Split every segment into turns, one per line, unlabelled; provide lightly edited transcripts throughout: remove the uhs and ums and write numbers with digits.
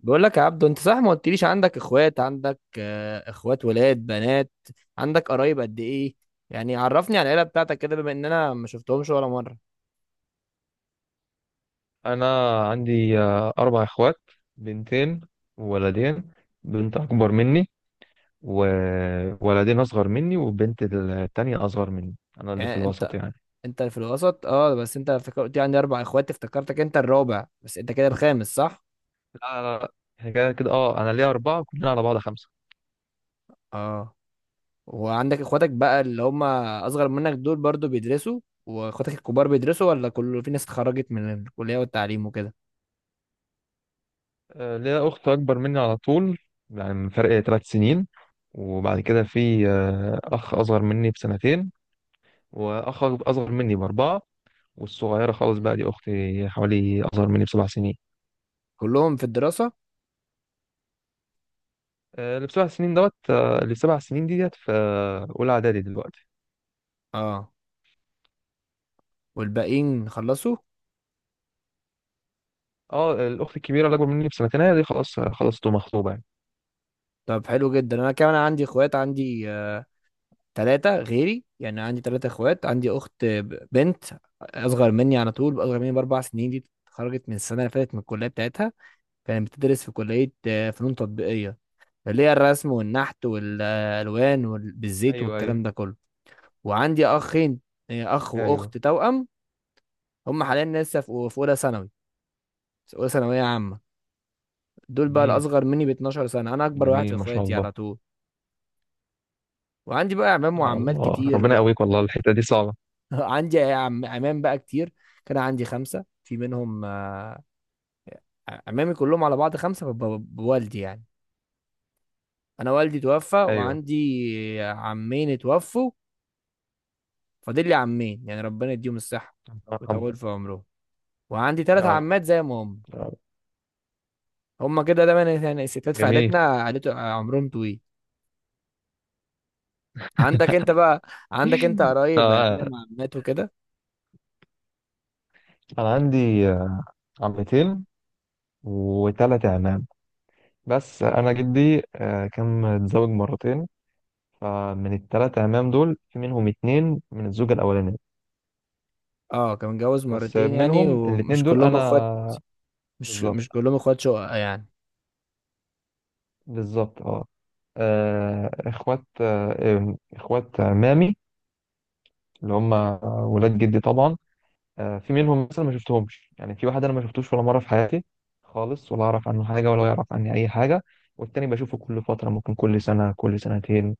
بقول لك يا عبدو، انت صح، ما قلتليش عندك اخوات. عندك اخوات ولاد بنات؟ عندك قرايب قد ايه؟ يعني عرفني على العيله بتاعتك كده، بما ان انا ما شفتهمش ولا مره.
انا عندي اربع اخوات، بنتين وولدين. بنت اكبر مني وولدين اصغر مني، والبنت التانية اصغر مني. انا اللي في
يعني انت
الوسط يعني.
انت في الوسط. اه، بس انت قلت لي عندي اربع اخوات، افتكرتك انت الرابع، بس انت كده الخامس صح؟
لا لا لا، احنا كده كده، اه انا ليا اربعة، كلنا على بعض خمسة.
اه. وعندك اخواتك بقى اللي هم اصغر منك دول برضو بيدرسوا؟ واخواتك الكبار بيدرسوا ولا كله، في ناس اتخرجت من الكليه والتعليم وكده؟
ليا اخت اكبر مني على طول، يعني من فرق ثلاث سنين. وبعد كده في اخ اصغر مني بسنتين، واخ اصغر مني باربعة. والصغيرة خالص بقى دي اختي، حوالي اصغر مني بسبع سنين.
كلهم في الدراسه؟
اللي بسبع سنين دوت، اللي سبع سنين دي ديت في اولى اعدادي دلوقتي.
اه، والباقيين خلصوا؟
اه، الاخت الكبيره اللي اكبر مني بسنتين هي دي، خلاص خلاص تبقى مخطوبه يعني.
طب حلو جدا. انا كمان عندي اخوات، عندي تلاتة غيري، يعني عندي تلاتة اخوات. عندي اخت بنت، اصغر مني على طول، اصغر مني باربع سنين. دي اتخرجت من السنة اللي فاتت من الكلية بتاعتها. كانت بتدرس في كلية فنون تطبيقية، اللي هي الرسم والنحت والالوان بالزيت
ايوه ايوه
والكلام ده كله. وعندي اخين، اخ
ايوه.
واخت توأم. هم حاليا لسه في اولى ثانوي، اولى ثانوية عامة. دول بقى
جميل،
الاصغر مني ب 12 سنة. انا اكبر واحد في
جميل ما شاء
اخواتي
الله.
على طول. وعندي بقى اعمام
يا
وعمات
الله،
كتير
ربنا
بقى.
يقويك والله الحته دي صعبه.
عندي عمام بقى كتير. كان عندي خمسة في منهم، عمامي كلهم على بعض خمسة بوالدي يعني. أنا والدي توفى،
ايوه.
وعندي عمين اتوفوا. فاضل لي عمين، يعني ربنا يديهم الصحة
يا رب
ويطول في عمرهم. وعندي تلات
يا رب
عمات زي ما هم.
يا رب.
هم كده دايما، يعني الستات في
جميل.
عائلتنا عائلته عمرهم طويل. عندك انت بقى، عندك انت قرايب عمام
آه،
عمات وكده؟
انا عندي آه، عمتين وثلاث اعمام. بس انا جدي كان متزوج مرتين، فمن الثلاث اعمام دول في منهم اتنين من الزوجه الاولانيه.
اه، كان متجوز
بس
مرتين يعني،
منهم الاتنين
ومش
دول
كلهم اخوات.
انا،
مش
بالظبط
كلهم اخوات شقق يعني.
بالظبط اه. اخوات اخوات مامي اللي هم ولاد جدي طبعا. في منهم مثلا ما شفتهمش، يعني في واحد انا ما شفتوش ولا مره في حياتي خالص، ولا اعرف عنه حاجه ولا يعرف عني اي حاجه. والتاني بشوفه كل فتره، ممكن كل سنه كل سنتين.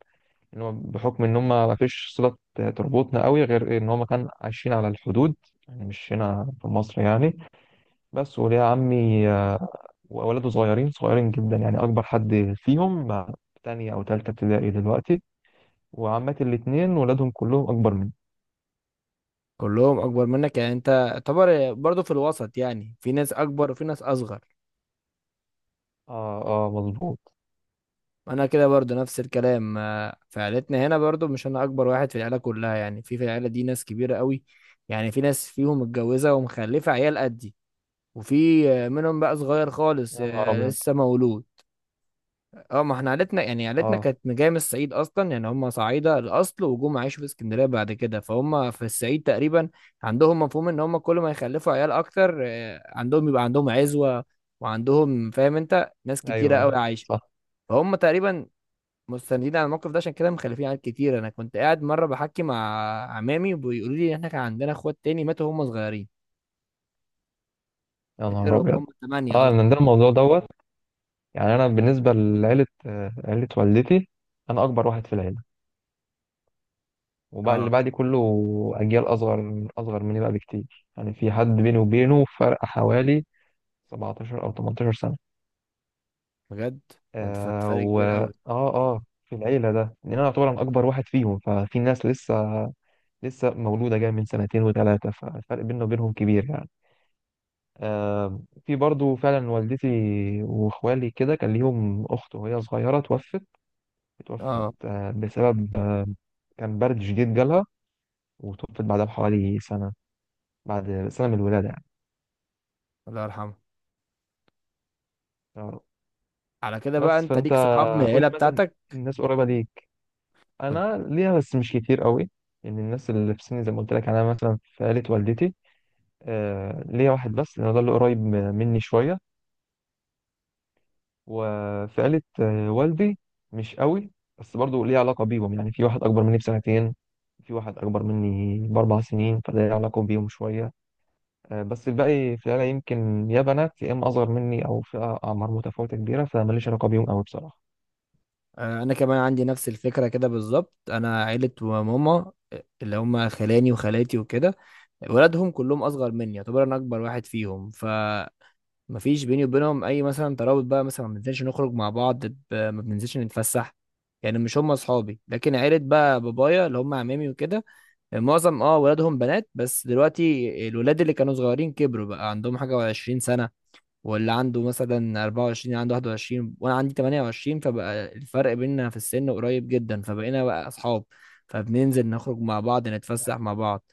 ان هو بحكم ان هم ما فيش صله تربطنا قوي، غير ان هم كانوا عايشين على الحدود، يعني مش هنا في مصر يعني. بس وليه عمي واولاده صغيرين صغيرين جدا، يعني اكبر حد فيهم مع تانية او تالتة ابتدائي دلوقتي. وعماتي الاتنين ولادهم كلهم اكبر مني.
كلهم اكبر منك، يعني انت تعتبر برضو في الوسط، يعني في ناس اكبر وفي ناس اصغر.
اه، اه مظبوط.
انا كده برضو نفس الكلام. في عيلتنا هنا برضو، مش انا اكبر واحد في العيله كلها، يعني في العيله دي ناس كبيره قوي، يعني في ناس فيهم متجوزه ومخلفه عيال قدي، وفي منهم بقى صغير خالص،
يا نهار ابيض.
لسه مولود. اه، ما احنا عيلتنا يعني، عيلتنا
اه،
كانت جايه من الصعيد اصلا، يعني هم صعايده الاصل وجم عايشوا في اسكندريه بعد كده، فهم في الصعيد تقريبا عندهم مفهوم ان هم كل ما يخلفوا عيال اكتر، عندهم يبقى عندهم عزوه، وعندهم، فاهم انت، ناس كتيره
ايوه ايوه
قوي عايشه.
صح.
فهم تقريبا مستندين على الموقف ده، عشان كده مخلفين عيال كتير. انا كنت قاعد مره بحكي مع عمامي، وبيقولوا لي ان احنا كان عندنا اخوات تاني ماتوا وهم صغيرين،
يا نهار
غيرهم
ابيض.
هم ثمانيه
اه،
اصلا.
ان ده الموضوع دوت. يعني انا بالنسبه لعيله، عيله والدتي، انا اكبر واحد في العيله، وبقى اللي
اه،
بعدي كله اجيال اصغر، اصغر مني بقى بكتير. يعني في حد بيني وبينه فرق حوالي 17 او 18 سنه.
بجد، يعني
آه
فرق
و
كبير
اه
قوي.
اه في العيلة ده، لأن أنا أعتبر أنا أكبر واحد فيهم، ففي ناس لسه لسه مولودة جاية من سنتين وثلاثة، فالفرق بيننا وبينهم كبير يعني. آه، في برضو فعلا والدتي وإخوالي كده كان ليهم أخت، وهي صغيرة توفت. توفت
اه،
بسبب كان برد شديد جالها، وتوفت بعدها بحوالي سنة، بعد سنة من الولادة يعني.
الله يرحمه.
آه.
على كده بقى،
بس
انت
فأنت
ليك صحاب من العيله
قولي مثلا،
بتاعتك؟
الناس قريبة دي
كنت
انا ليها بس مش كتير قوي. ان الناس اللي في سني زي ما قلت لك، يعني انا مثلا في عيله والدتي آه ليا واحد بس، لان هو ده اللي قريب مني شويه. وفي عيله والدي مش قوي، بس برضو ليه علاقه بيهم. يعني في واحد اكبر مني بسنتين، في واحد اكبر مني باربع سنين، فده ليه علاقه بيهم شويه. آه، بس الباقي في العيله يمكن يا بنات يا اما اصغر مني او في اعمار متفاوته كبيره، فماليش علاقه بيهم قوي بصراحه.
آه، انا كمان عندي نفس الفكره كده بالظبط. انا عيله ماما، اللي هم خلاني وخالاتي وكده، ولادهم كلهم اصغر مني، يعتبر انا اكبر واحد فيهم. ف مفيش بيني وبينهم اي مثلا ترابط بقى، مثلا ما بننزلش نخرج مع بعض، ما بننزلش نتفسح، يعني مش هم اصحابي. لكن عيله بقى بابايا، اللي هم عمامي وكده، معظم ولادهم بنات، بس دلوقتي الولاد اللي كانوا صغيرين كبروا، بقى عندهم حاجه و20 سنه، واللي عنده مثلا 24 عنده 21، وانا عندي 28. فبقى الفرق بيننا في السن قريب جدا، فبقينا بقى اصحاب، فبننزل نخرج مع بعض، نتفسح مع بعض.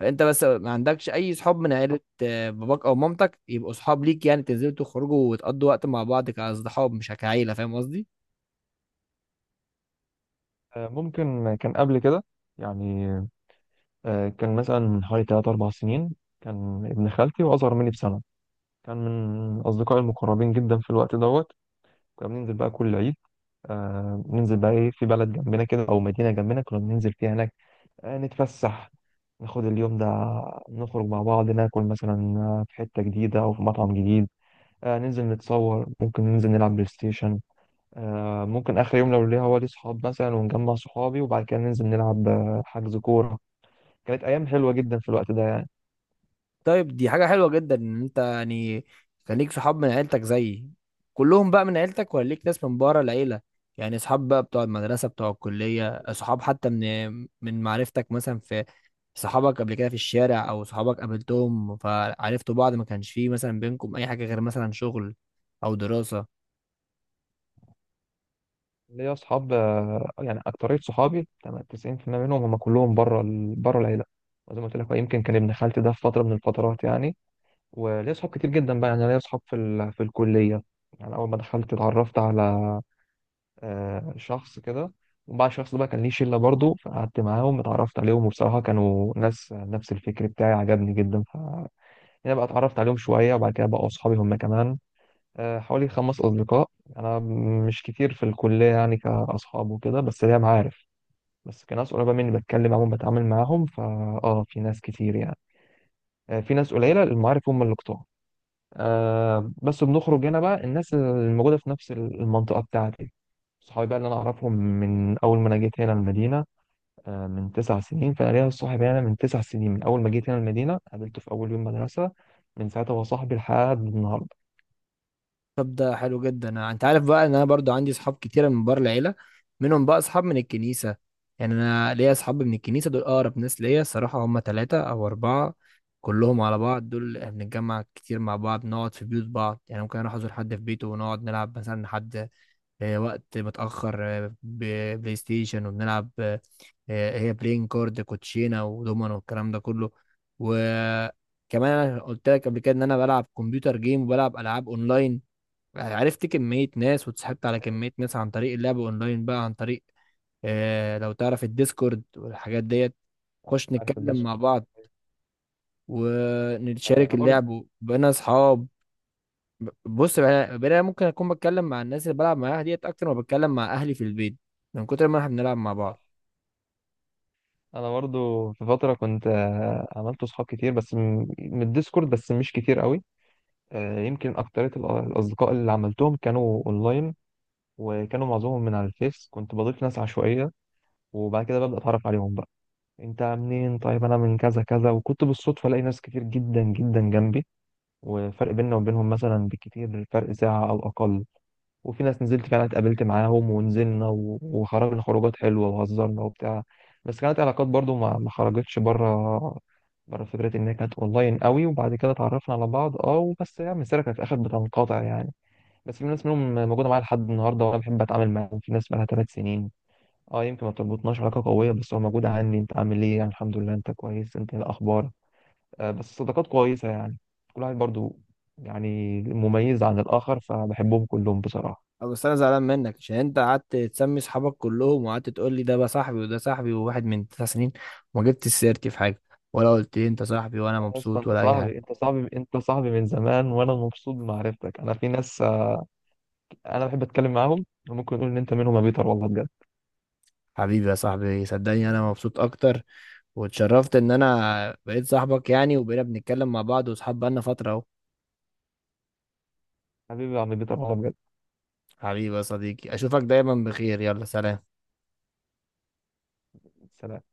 فانت بس، ما عندكش اي صحاب من عيلة باباك او مامتك، يبقوا صحاب ليك، يعني تنزلوا تخرجوا وتقضوا وقت مع بعض كاصحاب مش كعيلة، فاهم قصدي؟
آه ممكن كان قبل كده يعني، كان مثلا من حوالي تلات أربع سنين، كان ابن خالتي وأصغر مني بسنة، كان من أصدقائي المقربين جدا في الوقت دوت. كنا بننزل بقى كل عيد، آه ننزل بقى إيه في بلد جنبنا كده أو مدينة جنبنا كنا بننزل فيها هناك. آه نتفسح، ناخد اليوم ده، نخرج مع بعض، ناكل مثلا في حتة جديدة أو في مطعم جديد. آه ننزل نتصور، ممكن ننزل نلعب بلاي ستيشن. آه ممكن آخر يوم لو ليا هو لي صحاب مثلا ونجمع صحابي، وبعد كده ننزل نلعب حجز كورة. كانت أيام حلوة جدا في الوقت ده.
طيب، دي حاجة حلوة جدا ان انت يعني كان ليك صحاب من عيلتك زيي. كلهم بقى من عيلتك، ولا ليك ناس من بره العيلة، يعني صحاب بقى بتوع المدرسة، بتوع الكلية، صحاب حتى من معرفتك، مثلا في صحابك قبل كده في الشارع، او صحابك قابلتهم فعرفتوا بعض، ما كانش فيه مثلا بينكم اي حاجة غير مثلا شغل او دراسة؟
ليا اصحاب يعني اكتريه صحابي تمام 90% منهم هم كلهم بره بره العيله. وزي ما قلت لك هو يمكن كان ابن خالتي ده في فتره من الفترات يعني. وليا اصحاب كتير جدا بقى، يعني ليا اصحاب في في الكليه. يعني اول ما دخلت اتعرفت على شخص كده، وبعد الشخص ده بقى كان ليه شله برضه، فقعدت معاهم اتعرفت عليهم. وبصراحه كانوا ناس نفس الفكر بتاعي عجبني جدا، ف يعني بقى اتعرفت عليهم شويه وبعد كده بقوا اصحابي هم كمان. حوالي خمس أصدقاء. أنا مش كتير في الكلية يعني كأصحاب وكده، بس ليا معارف، بس كناس قريبة مني بتكلم معاهم بتعامل معاهم فا في ناس كتير يعني. في ناس قليلة، المعارف هم اللي كتار. بس بنخرج هنا بقى الناس الموجودة في نفس المنطقة بتاعتي، صحابي بقى اللي أنا أعرفهم من أول ما أنا جيت هنا المدينة، من تسع سنين. فأنا ليا صاحب هنا من تسع سنين، من أول ما جيت هنا المدينة قابلته في أول يوم مدرسة، من ساعتها هو صاحبي لحد النهاردة.
طب ده حلو جدا. انت عارف بقى ان انا برضو عندي اصحاب كتيره من بره العيله. منهم بقى اصحاب من الكنيسه، يعني انا ليا اصحاب من الكنيسه دول اقرب ناس ليا الصراحه، هم ثلاثه او اربعه كلهم على بعض. دول إحنا بنتجمع كتير مع بعض، نقعد في بيوت بعض، يعني ممكن اروح ازور حد في بيته ونقعد نلعب مثلا لحد وقت متاخر، بلاي ستيشن، وبنلعب هي بلاين كارد كوتشينه ودومينو والكلام ده كله. وكمان انا قلت لك قبل كده ان انا بلعب كمبيوتر جيم وبلعب العاب اونلاين. عرفت كمية ناس واتسحبت على
أيوة،
كمية ناس عن طريق اللعب اونلاين، بقى عن طريق لو تعرف الديسكورد والحاجات ديت، خش
عارف
نتكلم مع
الديسكورس.
بعض ونشارك
أنا برضه،
اللعب وبقينا اصحاب. بص بقى، بقينا ممكن اكون بتكلم مع الناس اللي بلعب معاها ديت اكتر ما بتكلم مع اهلي في البيت، من كتر ما احنا بنلعب مع بعض.
انا برضو في فتره كنت عملت صحاب كتير بس من الديسكورد، بس مش كتير قوي. يمكن اكتريه الاصدقاء اللي عملتهم كانوا اونلاين، وكانوا معظمهم من على الفيس، كنت بضيف ناس عشوائيه وبعد كده ببدا اتعرف عليهم بقى. انت منين؟ طيب انا من كذا كذا، وكنت بالصدفه الاقي ناس كتير جدا جدا جنبي، وفرق بيننا وبينهم مثلا بالكتير فرق ساعه او اقل. وفي ناس نزلت فعلا اتقابلت معاهم، ونزلنا وخرجنا خروجات حلوة وهزرنا وبتاع. بس كانت علاقات برضو ما خرجتش بره، بره فكرة إن هي كانت أونلاين قوي، وبعد كده اتعرفنا على بعض. أه وبس، يعني السيرة كانت في الآخر بتنقطع يعني. بس في ناس منهم موجودة معايا لحد النهاردة وأنا بحب أتعامل معاهم، في ناس بقالها ثلاث سنين. أه يمكن ما بتربطناش علاقة قوية، بس هو موجودة عندي، أنت عامل إيه؟ يعني الحمد لله. أنت كويس؟ أنت إيه الأخبار؟ أه بس صداقات كويسة يعني، كل واحد برضو يعني مميز عن الآخر، فبحبهم كلهم بصراحة.
أه، بس انا زعلان منك عشان انت قعدت تسمي اصحابك كلهم، وقعدت تقول لي ده بقى صاحبي وده صاحبي وواحد من تسع سنين، وما جبتش سيرتي في حاجة، ولا قلت لي انت صاحبي، ولا
يا اسطى
مبسوط،
انت
ولا اي حاجة.
صاحبي انت صاحبي انت صاحبي من زمان، وانا مبسوط بمعرفتك. انا في ناس انا بحب اتكلم معاهم وممكن نقول ان انت منهم يا بيتر والله بجد.
حبيبي يا صاحبي، صدقني انا مبسوط اكتر، واتشرفت ان انا بقيت صاحبك يعني، وبقينا بنتكلم مع بعض واصحاب بقالنا فترة اهو.
حبيبي يا عم بيتر والله بجد.
حبيبي يا صديقي، اشوفك دايما بخير، يلا سلام.
سلام.